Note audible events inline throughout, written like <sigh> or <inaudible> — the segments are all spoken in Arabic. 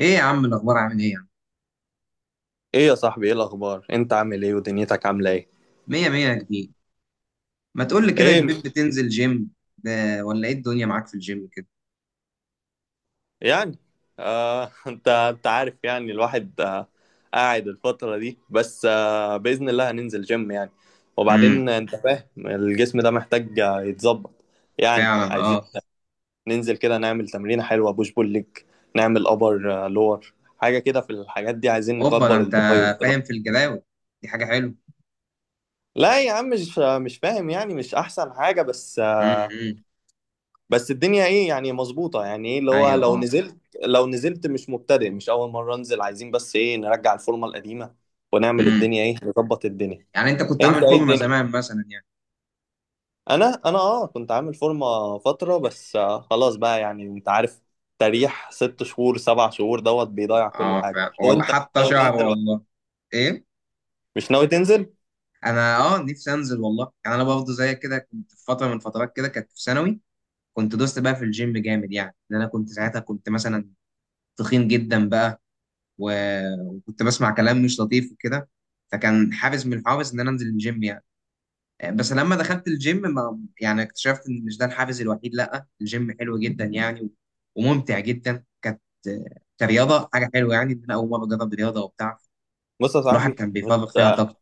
ايه يا عم الاخبار، عامل ايه يا عم؟ ايه يا صاحبي، ايه الاخبار؟ انت عامل ايه ودنيتك عامله ايه؟ مية مية يا كبير. ما تقول لي كده يا ايه مش، كبير، بتنزل جيم؟ ده ولا ايه الدنيا معاك في الجيم كده؟ يعني <laughs> انت عارف يعني الواحد قاعد الفتره دي، بس باذن الله هننزل جيم يعني. امم. وبعدين انت فاهم الجسم ده محتاج يتظبط. يعني فعلا عايزين اه. ننزل كده نعمل تمرينه حلوه بوش بول ليج، نعمل ابر لور، حاجه كده، في الحاجات دي عايزين اوبا، ده نكبر انت الباي والتراي. فاهم في الجداول، دي حاجة حلوة. لا يا عم، مش فاهم، يعني مش احسن حاجه، بس امم. بس الدنيا ايه يعني، مظبوطه، يعني ايه اللي هو ايوه لو اه. نزلت، مش مبتدئ، مش اول مره انزل، عايزين بس ايه، نرجع الفورمه القديمه ونعمل امم. الدنيا ايه، نظبط الدنيا. يعني انت كنت انت عامل ايه فورمة الدنيا. زمان مثلا يعني؟ انا انا كنت عامل فورمه فتره، بس خلاص بقى يعني، انت عارف، تريح 6 شهور 7 شهور دوت بيضيع كل اه حاجه، فعلا والله، وانت مش حتى ناوي شعر تنزل، ولا والله. ايه؟ مش ناوي تنزل. انا نفسي انزل والله، يعني انا برضه زي كده كنت في فتره من فترات كده، كانت في ثانوي. كنت دوست بقى في الجيم جامد، يعني ان انا كنت ساعتها كنت مثلا تخين جدا بقى. وكنت بسمع كلام مش لطيف وكده، فكان حافز من الحوافز ان انا انزل الجيم يعني. بس لما دخلت الجيم، ما يعني اكتشفت ان مش ده الحافز الوحيد، لا الجيم حلو جدا يعني، وممتع جدا. كانت كرياضه حاجه حلوه يعني، ان انا اول مره اجرب رياضه وبتاع. بص يا الواحد صاحبي، كان بيفرغ فيها طاقته.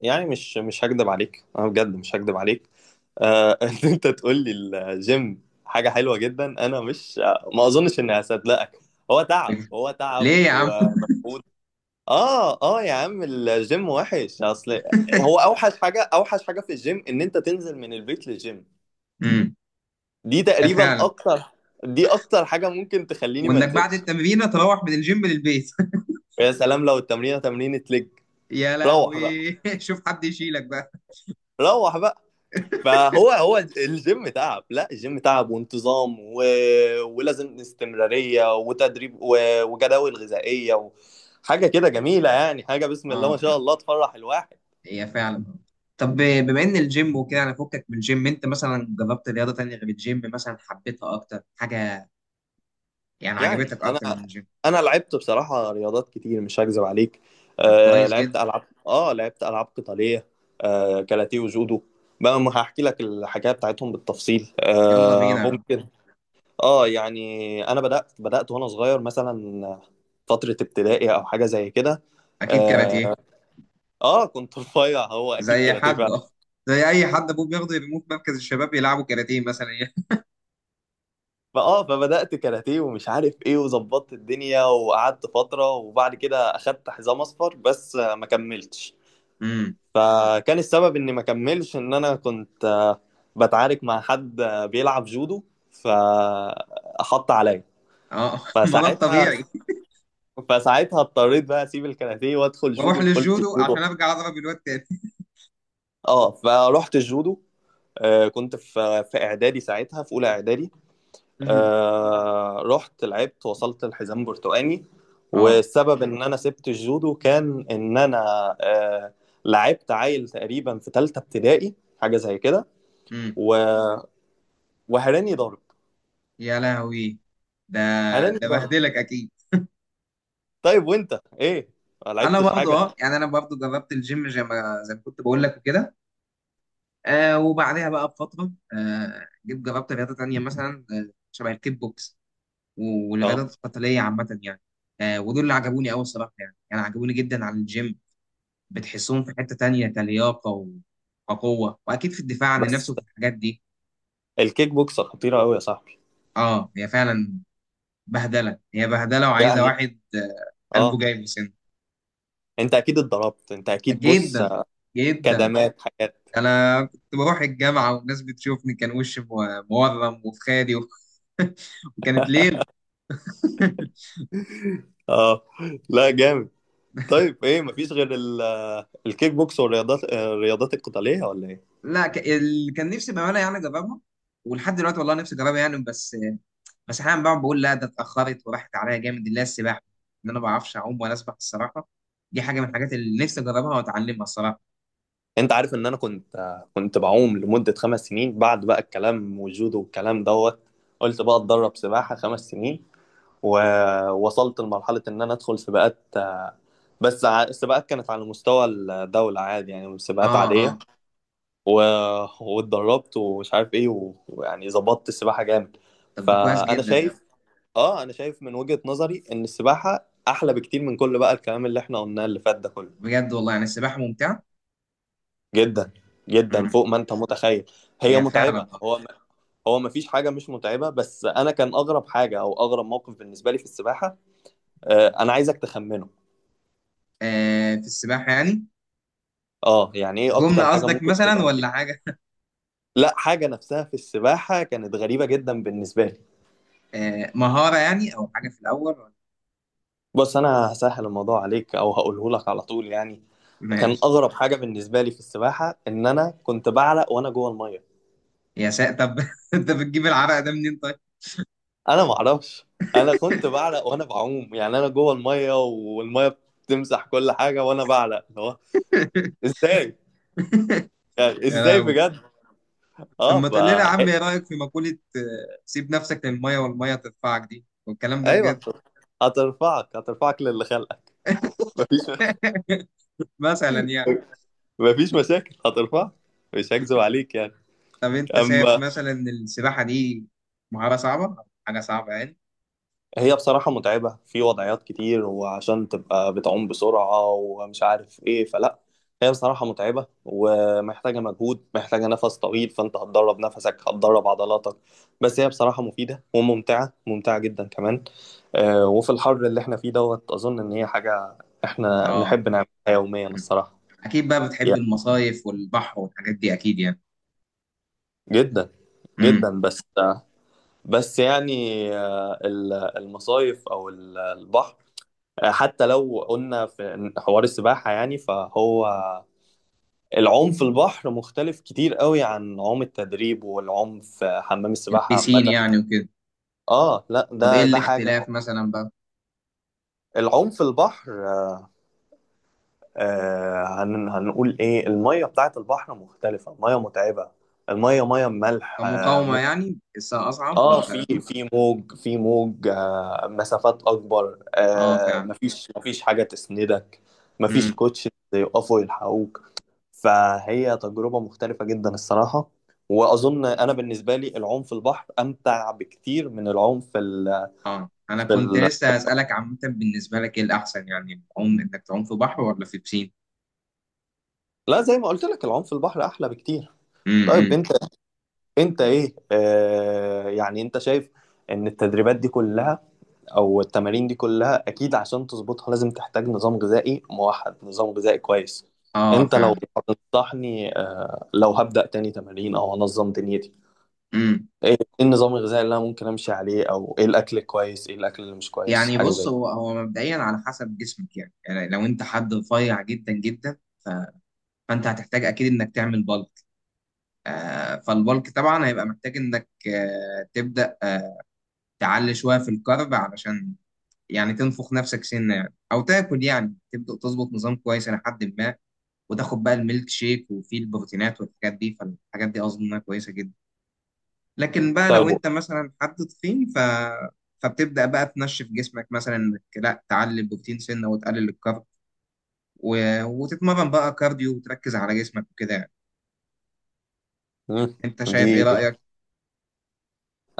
يعني مش هكدب عليك، انا بجد مش هكدب عليك. <laughs> ان انت تقول لي الجيم حاجه حلوه جدا، انا مش، ما اظنش اني هصدقك. هو تعب، <laughs> هو تعب ليه يا عم؟ ومجهود. اه، اه يا عم، الجيم وحش اصل. هو <laughs> اوحش حاجه، اوحش حاجه في الجيم، ان انت تنزل من البيت للجيم. امم، دي تقريبا فعلا. اكتر، دي اكتر حاجه ممكن تخليني ما وانك بعد انزلش. التمرين تروح من الجيم للبيت. يا سلام لو التمرينه تمرينه لج. <laughs> يا روح بقى، لهوي <laughs> شوف حد يشيلك بقى. روح بقى. فهو الجيم تعب، لا الجيم تعب وانتظام ولازم استمرارية وتدريب وجداول غذائية حاجة كده جميلة يعني، حاجة بسم الله ما اه شاء الله تفرح الواحد. هي فعلا. طب بما ان الجيم وكده انا فكك من الجيم، انت مثلا جربت رياضه تانية غير الجيم مثلا حبيتها اكتر حاجه؟ يعني يعني عجبتك انا اكتر من الجيم؟ انا لعبت بصراحة رياضات كتير، مش هكذب عليك. طب كويس جدا. لعبت العاب قتالية، كاراتيه وجودو. بقى ما هحكي لك الحكاية بتاعتهم بالتفصيل، يلا بينا. ممكن. اه يعني انا بدات وانا صغير، مثلا فتره ابتدائي او حاجه زي كده. اكيد اه، كاراتيه. كنت <laughs> رفيع، هو اكيد زي كاراتيه حد، فعلا. <laughs> زي اي حد ابوه بياخده يرموه في مركز الشباب يلعبوا كاراتيه مثلا <laughs> يعني. فبدات كاراتيه ومش عارف ايه، وظبطت الدنيا وقعدت فتره، وبعد كده اخدت حزام اصفر، بس ما كملتش. امم. فكان السبب اني ما كملش ان انا كنت بتعارك مع حد بيلعب جودو، فحط عليا. اه <laughs> ما ده فساعتها، الطبيعي. اضطريت بقى اسيب الكاراتيه وادخل واروح جودو. قلت للجودو عشان ارجع اضرب الواد تاني. اه فروحت الجودو. كنت في اعدادي ساعتها، في اولى اعدادي. امم. رحت لعبت، وصلت الحزام برتقاني. <laughs> اه. والسبب ان انا سبت الجودو كان ان انا آه لعبت عيل تقريبا في ثالثه ابتدائي، حاجه زي كده، امم. و- وهراني ضرب، يا لهوي. ده هراني ده ضرب. بهدلك اكيد. طيب وانت ايه، ما انا لعبتش برضه حاجه؟ اه يعني، انا برضه جربت الجيم زي ما كنت بقول لك وكده. آه وبعدها بقى بفترة جيت جربت رياضة تانية مثلا، آه شبه الكيك بوكس. اه والرياضات القتالية عامة يعني. آه ودول اللي عجبوني أوي الصراحة يعني، يعني عجبوني جدا عن الجيم. بتحسهم في حتة تانية، كلياقة وقوة، وأكيد في الدفاع عن النفس بس وفي الحاجات دي. الكيك بوكس خطيره قوي يا صاحبي. أه هي فعلا. بهدلة هي بهدلة، وعايزة يعني، واحد آه قلبه اه جاي من سنه. انت اكيد اتضربت، انت اكيد، بص جدا جدا. كدمات، حاجات. أنا كنت بروح الجامعة والناس بتشوفني كان وشي مورم وفي خالي. <laughs> وكانت ليلة. اه، لا جامد. طيب ايه، مفيش غير الكيك بوكس والرياضات، القتالية ولا ايه؟ لا اللي كان نفسي بعملها يعني جربها، ولحد دلوقتي والله نفسي اجربها يعني. بس بس احيانا بقعد بقول لا، ده اتاخرت وراحت عليا جامد، اللي هي السباحه. ان انا ما بعرفش اعوم ولا اسبح الصراحه. دي حاجه من الحاجات اللي نفسي اجربها واتعلمها الصراحه. انت عارف ان انا كنت بعوم لمدة 5 سنين، بعد بقى الكلام والجودو والكلام دوت. قلت بقى اتدرب سباحة 5 سنين، ووصلت لمرحلة ان انا ادخل سباقات. بس السباقات كانت على مستوى الدولة، عادي يعني، سباقات اه عادية اه. و... واتدربت ومش عارف ايه، ويعني ظبطت السباحة جامد. طب ده كويس فانا جدا يعني. شايف، اه انا شايف من وجهة نظري ان السباحة احلى بكتير من كل بقى الكلام اللي احنا قلناه اللي فات ده كله. بجد والله يعني السباحه ممتعه. جدا، جدا امم. فوق ما انت متخيل. هي هي فعلا متعبة، آه. هو ما، هو ما فيش حاجة مش متعبة، بس انا كان اغرب حاجة او اغرب موقف بالنسبة لي في السباحة. انا عايزك تخمنه. آه في السباحه يعني؟ اه يعني ايه اكتر جمله حاجة قصدك ممكن مثلا تبقى؟ ولا حاجه؟ لا، حاجة نفسها في السباحة كانت غريبة جدا بالنسبة لي. آه مهاره يعني، او حاجه في الاول ولا-. بص انا هسهل الموضوع عليك، او هقوله لك على طول يعني. كان ماشي. اغرب حاجة بالنسبة لي في السباحة ان انا كنت بعلق وانا جوه المية. يا ساتر، طب <laughs> انت بتجيب العرق ده منين طيب؟ انا ما اعرفش، انا كنت بعرق وانا بعوم، يعني انا جوه الميه والميه بتمسح كل حاجه وانا بعرق، اللي هو ازاي يعني، يا ازاي لهوي. بجد. طب اه ما تقول لنا يا عم، ايه ف... رايك في مقوله سيب نفسك للميه والميه تدفعك دي والكلام ده ايوه بجد؟ هترفعك للي خلقك. مفيش <laughs> مثلا يعني. <laughs> مفيش مشاكل، هترفعك، مش هكذب عليك يعني. طب انت شايف اما مثلا ان السباحه دي مهاره صعبه، حاجه صعبه يعني؟ هي بصراحة متعبة في وضعيات كتير، وعشان تبقى بتعوم بسرعة ومش عارف ايه، فلا، هي بصراحة متعبة ومحتاجة مجهود، محتاجة نفس طويل، فانت هتدرب نفسك، هتدرب عضلاتك. بس هي بصراحة مفيدة وممتعة، ممتعة جدا كمان. وفي الحر اللي احنا فيه دوت أظن إن هي حاجة احنا اه. نحب نعملها يوميا مم. الصراحة. اكيد بقى بتحب يعني، المصايف والبحر والحاجات دي اكيد يعني؟ جدا، جدا، امم. بس، يعني آه، ال- المصايف أو البحر، حتى لو قلنا في حوار السباحة يعني، فهو العوم في البحر مختلف كتير قوي عن عوم التدريب والعوم في حمام السباحة البيسين عامة. يعني وكده. اه، لا، طب ايه ده حاجة. الاختلاف مثلا بقى؟ العوم في البحر، آه هن هنقول ايه، المية بتاعت البحر مختلفة، المية متعبة، المية مية ملح، كمقاومه يعني لسه اصعب في ولا؟ في موج، في موج، مسافات اكبر، اه فعلا. مفيش حاجة تسندك، مفيش امم. كوتش يقفوا يلحقوك. فهي تجربة مختلفة جدا الصراحة. وأظن أنا بالنسبة لي العوم في البحر أمتع بكتير من العوم في اه انا في كنت ال... لسه هسالك، عامه بالنسبه لك ايه الاحسن يعني، العوم انك تعوم في بحر ولا في بسين؟ لا، زي ما قلت لك، العوم في البحر أحلى بكتير. امم طيب امم. أنت، إيه يعني أنت شايف إن التدريبات دي كلها، أو التمارين دي كلها، أكيد عشان تظبطها لازم تحتاج نظام غذائي موحد، نظام غذائي كويس. اه أنت لو فعلا. هتنصحني لو هبدأ تاني تمارين أو أنظم دنيتي، امم. ايه إيه النظام الغذائي اللي انا ممكن امشي عليه، او ايه الاكل الكويس، ايه الاكل اللي مش كويس، يعني حاجه زي بص، هو كده. هو مبدئيا على حسب جسمك يعني، يعني لو انت حد رفيع جدا جدا، ف... فانت هتحتاج اكيد انك تعمل بالك. آه فالبالك طبعا هيبقى محتاج انك تبدا تعلي شويه في الكارب، علشان يعني تنفخ نفسك سنه يعني، او تاكل يعني تبدا تظبط نظام كويس لحد ما. وتاخد بقى الميلك شيك وفيه البروتينات والحاجات دي، فالحاجات دي اظن انها كويسه جدا. لكن بقى لو طيب انت مثلا حد تخين فبتبدأ بقى تنشف جسمك، مثلا انك لا تعلي البروتين سنة وتقلل الكارب، و... وتتمرن بقى كارديو وتركز على جسمك وكده يعني. مم. انت شايف ايه دي، رأيك؟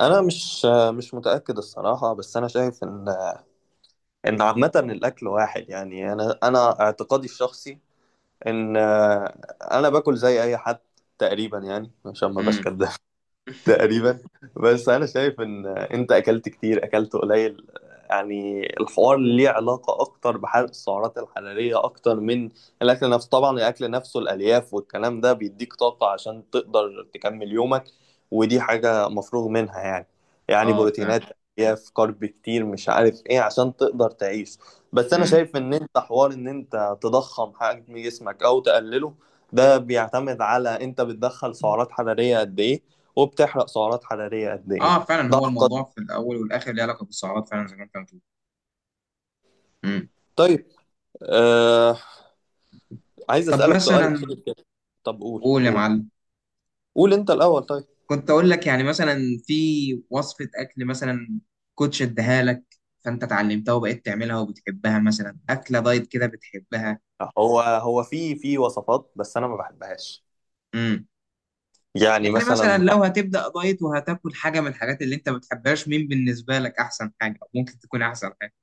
انا مش، متاكد الصراحه، بس انا شايف ان، عامه الاكل واحد يعني، انا اعتقادي الشخصي ان انا باكل زي اي حد تقريبا يعني، عشان ما بقاش امم. كداب تقريبا. بس انا شايف ان انت اكلت كتير اكلت قليل، يعني الحوار ليه علاقة أكتر بحرق السعرات الحرارية أكتر من الأكل نفسه. طبعا الأكل نفسه، الألياف والكلام ده بيديك طاقة عشان تقدر تكمل يومك، ودي حاجة مفروغ منها يعني. يعني اه فعلا. بروتينات، ألياف، كارب كتير، مش عارف إيه، عشان تقدر تعيش. بس أنا امم. شايف إن أنت حوار إن أنت تضخم حجم جسمك أو تقلله، ده بيعتمد على أنت بتدخل سعرات حرارية قد إيه، وبتحرق سعرات حرارية قد إيه. اه فعلا، ده هو القضية. الموضوع في الاول والاخر ليه علاقة بالسعرات، فعلا زي ما انت بتقول. امم. طيب، آه عايز طب أسألك سؤال مثلا. أخير. طب قول، قول يا قول، معلم. قول أنت الأول، طيب. كنت اقول لك يعني مثلا، في وصفة اكل مثلا كوتش اداها لك، فانت اتعلمتها وبقيت تعملها وبتحبها، مثلا اكله دايت كده بتحبها؟ هو في وصفات، بس أنا ما بحبهاش يعني يعني مثلا مثلا. لو هتبدأ دايت وهتاكل حاجة من الحاجات اللي انت ما بتحبهاش، مين بالنسبة لك احسن حاجة أو ممكن تكون احسن حاجة؟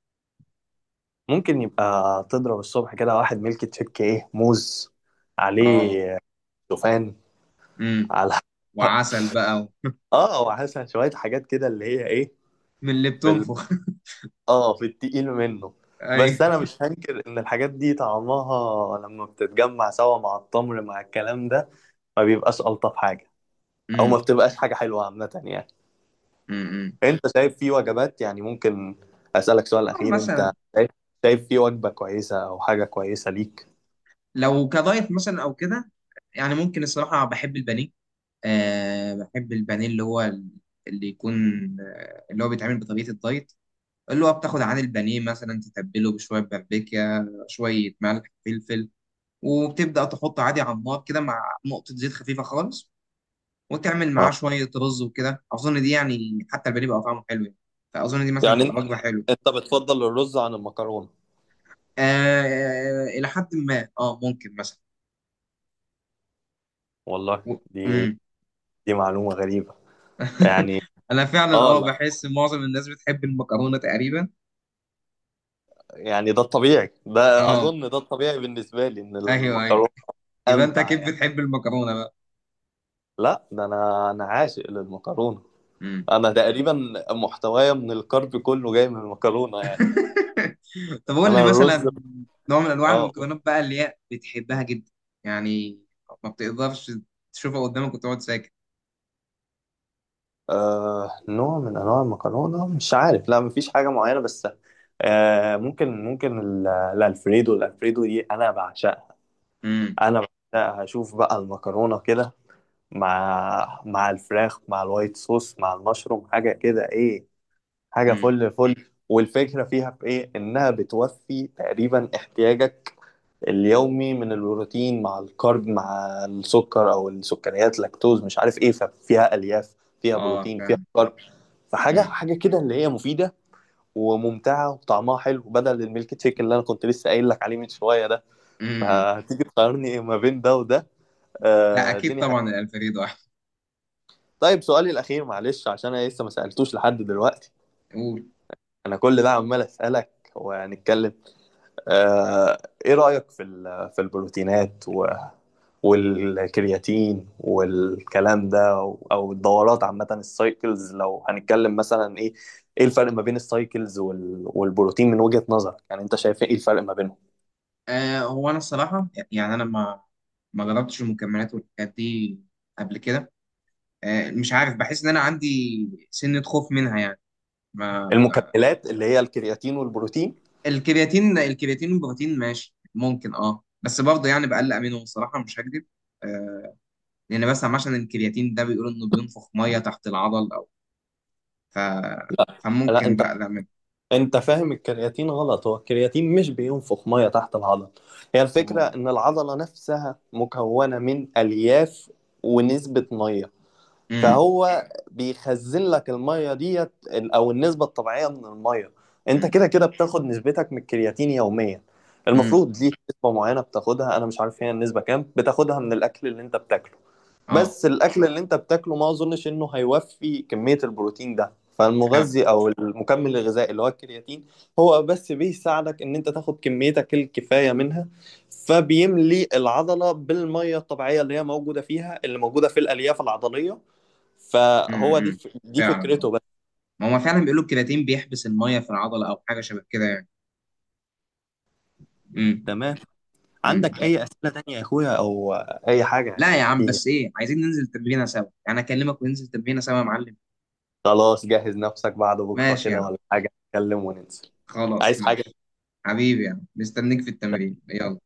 ممكن يبقى تضرب الصبح كده واحد ميلك تشيك، إيه، موز اه. عليه، شوفان امم. على <laughs> وعسل بقى و... اه وعسل، شوية حاجات كده، اللي هي إيه، من اللي في ال... بتنفخ <laughs> اه في التقيل منه. بس أنا ايوه. مش هنكر إن الحاجات دي طعمها لما بتتجمع سوا مع التمر مع الكلام ده، ما بيبقاش ألطف حاجة، أو ما امم. بتبقاش حاجة حلوة عامة يعني. امم. أنت شايف في وجبات يعني ممكن، أسألك سؤال آه، أخير، أنت مثلا. شايف، في وجبة كويسة أو حاجة كويسة ليك؟ لو كدايت مثلا او كده، يعني ممكن الصراحة بحب البانيه. آه بحب البانيه اللي هو ال-، اللي يكون آه، اللي هو بيتعمل بطريقة الدايت، اللي هو بتاخد عن البانيه مثلا تتبله بشوية بابريكا، شوية ملح فلفل، وبتبدأ تحط عادي على النار كده مع نقطة زيت خفيفة خالص، وتعمل اه، معاه شوية رز وكده. أظن دي يعني، حتى البانيه بقى طعمه حلو يعني، فأظن دي مثلا يعني تبقى أنت، وجبة حلوة. بتفضل الرز عن المكرونة؟ آه آه، إلى حد ما، أه ممكن مثلا. والله و... دي مم. دي معلومة غريبة يعني. <laughs> أنا فعلا أه لا، بحس معظم الناس بتحب المكرونة تقريبا. يعني ده الطبيعي، ده أه أظن ده الطبيعي بالنسبة لي، إن أيوه أيوه، المكرونة يبقى أنت أمتع أكيد يعني. بتحب المكرونة بقى. لا، ده أنا، عاشق للمكرونة. مم. أنا تقريبا محتوايا من الكارب كله جاي من المكرونة يعني. <laughs> طب قول لي أنا الرز مثلا نوع من انواع اه المكرونات بقى اللي هي بتحبها جدا، يعني ما بتقدرش تشوفها قدامك وتقعد ساكت. آه نوع من انواع المكرونه، مش عارف، لا مفيش حاجه معينه، بس ممكن، الالفريدو، الالفريدو دي انا بعشقها. امم. انا بعشقها، اشوف بقى المكرونه كده، مع الفراخ، مع الوايت صوص، مع المشروم، حاجه كده، ايه، حاجه امم. فل فل. والفكره فيها في ايه، انها بتوفي تقريبا احتياجك اليومي من البروتين، مع الكارب، مع السكر او السكريات، لاكتوز، مش عارف ايه. ففيها الياف، فيها اه بروتين، فيها فاهم. كارب. فحاجه، امم. حاجه كده، اللي هي مفيده وممتعه وطعمها حلو، بدل الميلك شيك اللي انا كنت لسه قايل لك عليه من شويه ده. امم. فهتيجي تقارني ما بين ده وده، لا اكيد الدنيا حاجة. طبعا الالفريدو احسن. طيب سؤالي الاخير، معلش، عشان انا لسه ما سالتوش لحد دلوقتي، قول. انا كل ده عمال اسالك وهنتكلم. آه، ايه رأيك في في البروتينات، والكرياتين والكلام ده، او الدورات عامة، السايكلز. لو هنتكلم مثلا، ايه الفرق ما بين السايكلز والبروتين من وجهة نظرك؟ يعني انت شايف ايه الفرق ما بينهم؟ آه هو انا الصراحه يعني، انا ما ما جربتش المكملات والحاجات دي قبل كده. آه مش عارف، بحس ان انا عندي سنه خوف منها يعني. ما. المكملات اللي هي الكرياتين والبروتين. الكرياتين الكرياتين والبروتين ماشي ممكن اه، بس برضه يعني بقلق منهم الصراحه مش هكذب. آه لان بسمع، عشان الكرياتين ده بيقولوا انه بينفخ ميه تحت العضل، او ف لا، فممكن انت بقلق منه. انت فاهم الكرياتين غلط، هو الكرياتين مش بينفخ ميه تحت العضل. هي الفكرة اه. ان العضلة نفسها مكونة من الياف ونسبة ميه. امم. فهو بيخزن لك الميه ديت، او النسبه الطبيعيه من الميه. انت امم. كده كده بتاخد نسبتك من الكرياتين يوميا، امم. المفروض ليك نسبه معينه بتاخدها، انا مش عارف هي النسبه كام، بتاخدها من الاكل اللي انت بتاكله. اه بس الاكل اللي انت بتاكله ما اظنش انه هيوفي كميه البروتين ده، فعلا. فالمغذي او المكمل الغذائي اللي هو الكرياتين هو بس بيساعدك ان انت تاخد كميتك الكفايه منها، فبيملي العضله بالميه الطبيعيه اللي هي موجوده فيها، اللي موجوده في الالياف العضليه. امم دي فعلا اه. فكرته بس. ما هو فعلا بيقولوا الكرياتين بيحبس الميه في العضله او حاجه شبه كده يعني. امم. تمام. أمم. عندك يعني-. اي اسئله تانية يا اخويا، او اي حاجه لا يعني، يا عم، في. بس ايه، عايزين ننزل تمرينه سوا يعني، اكلمك وننزل تمرينه سوا يا معلم. خلاص جهز نفسك بعد بكره ماشي يا كده عم، ولا حاجه، نتكلم وننزل. خلاص عايز حاجه؟ ماشي. حبيبي يا عم، مستنيك في التمرين، يلا.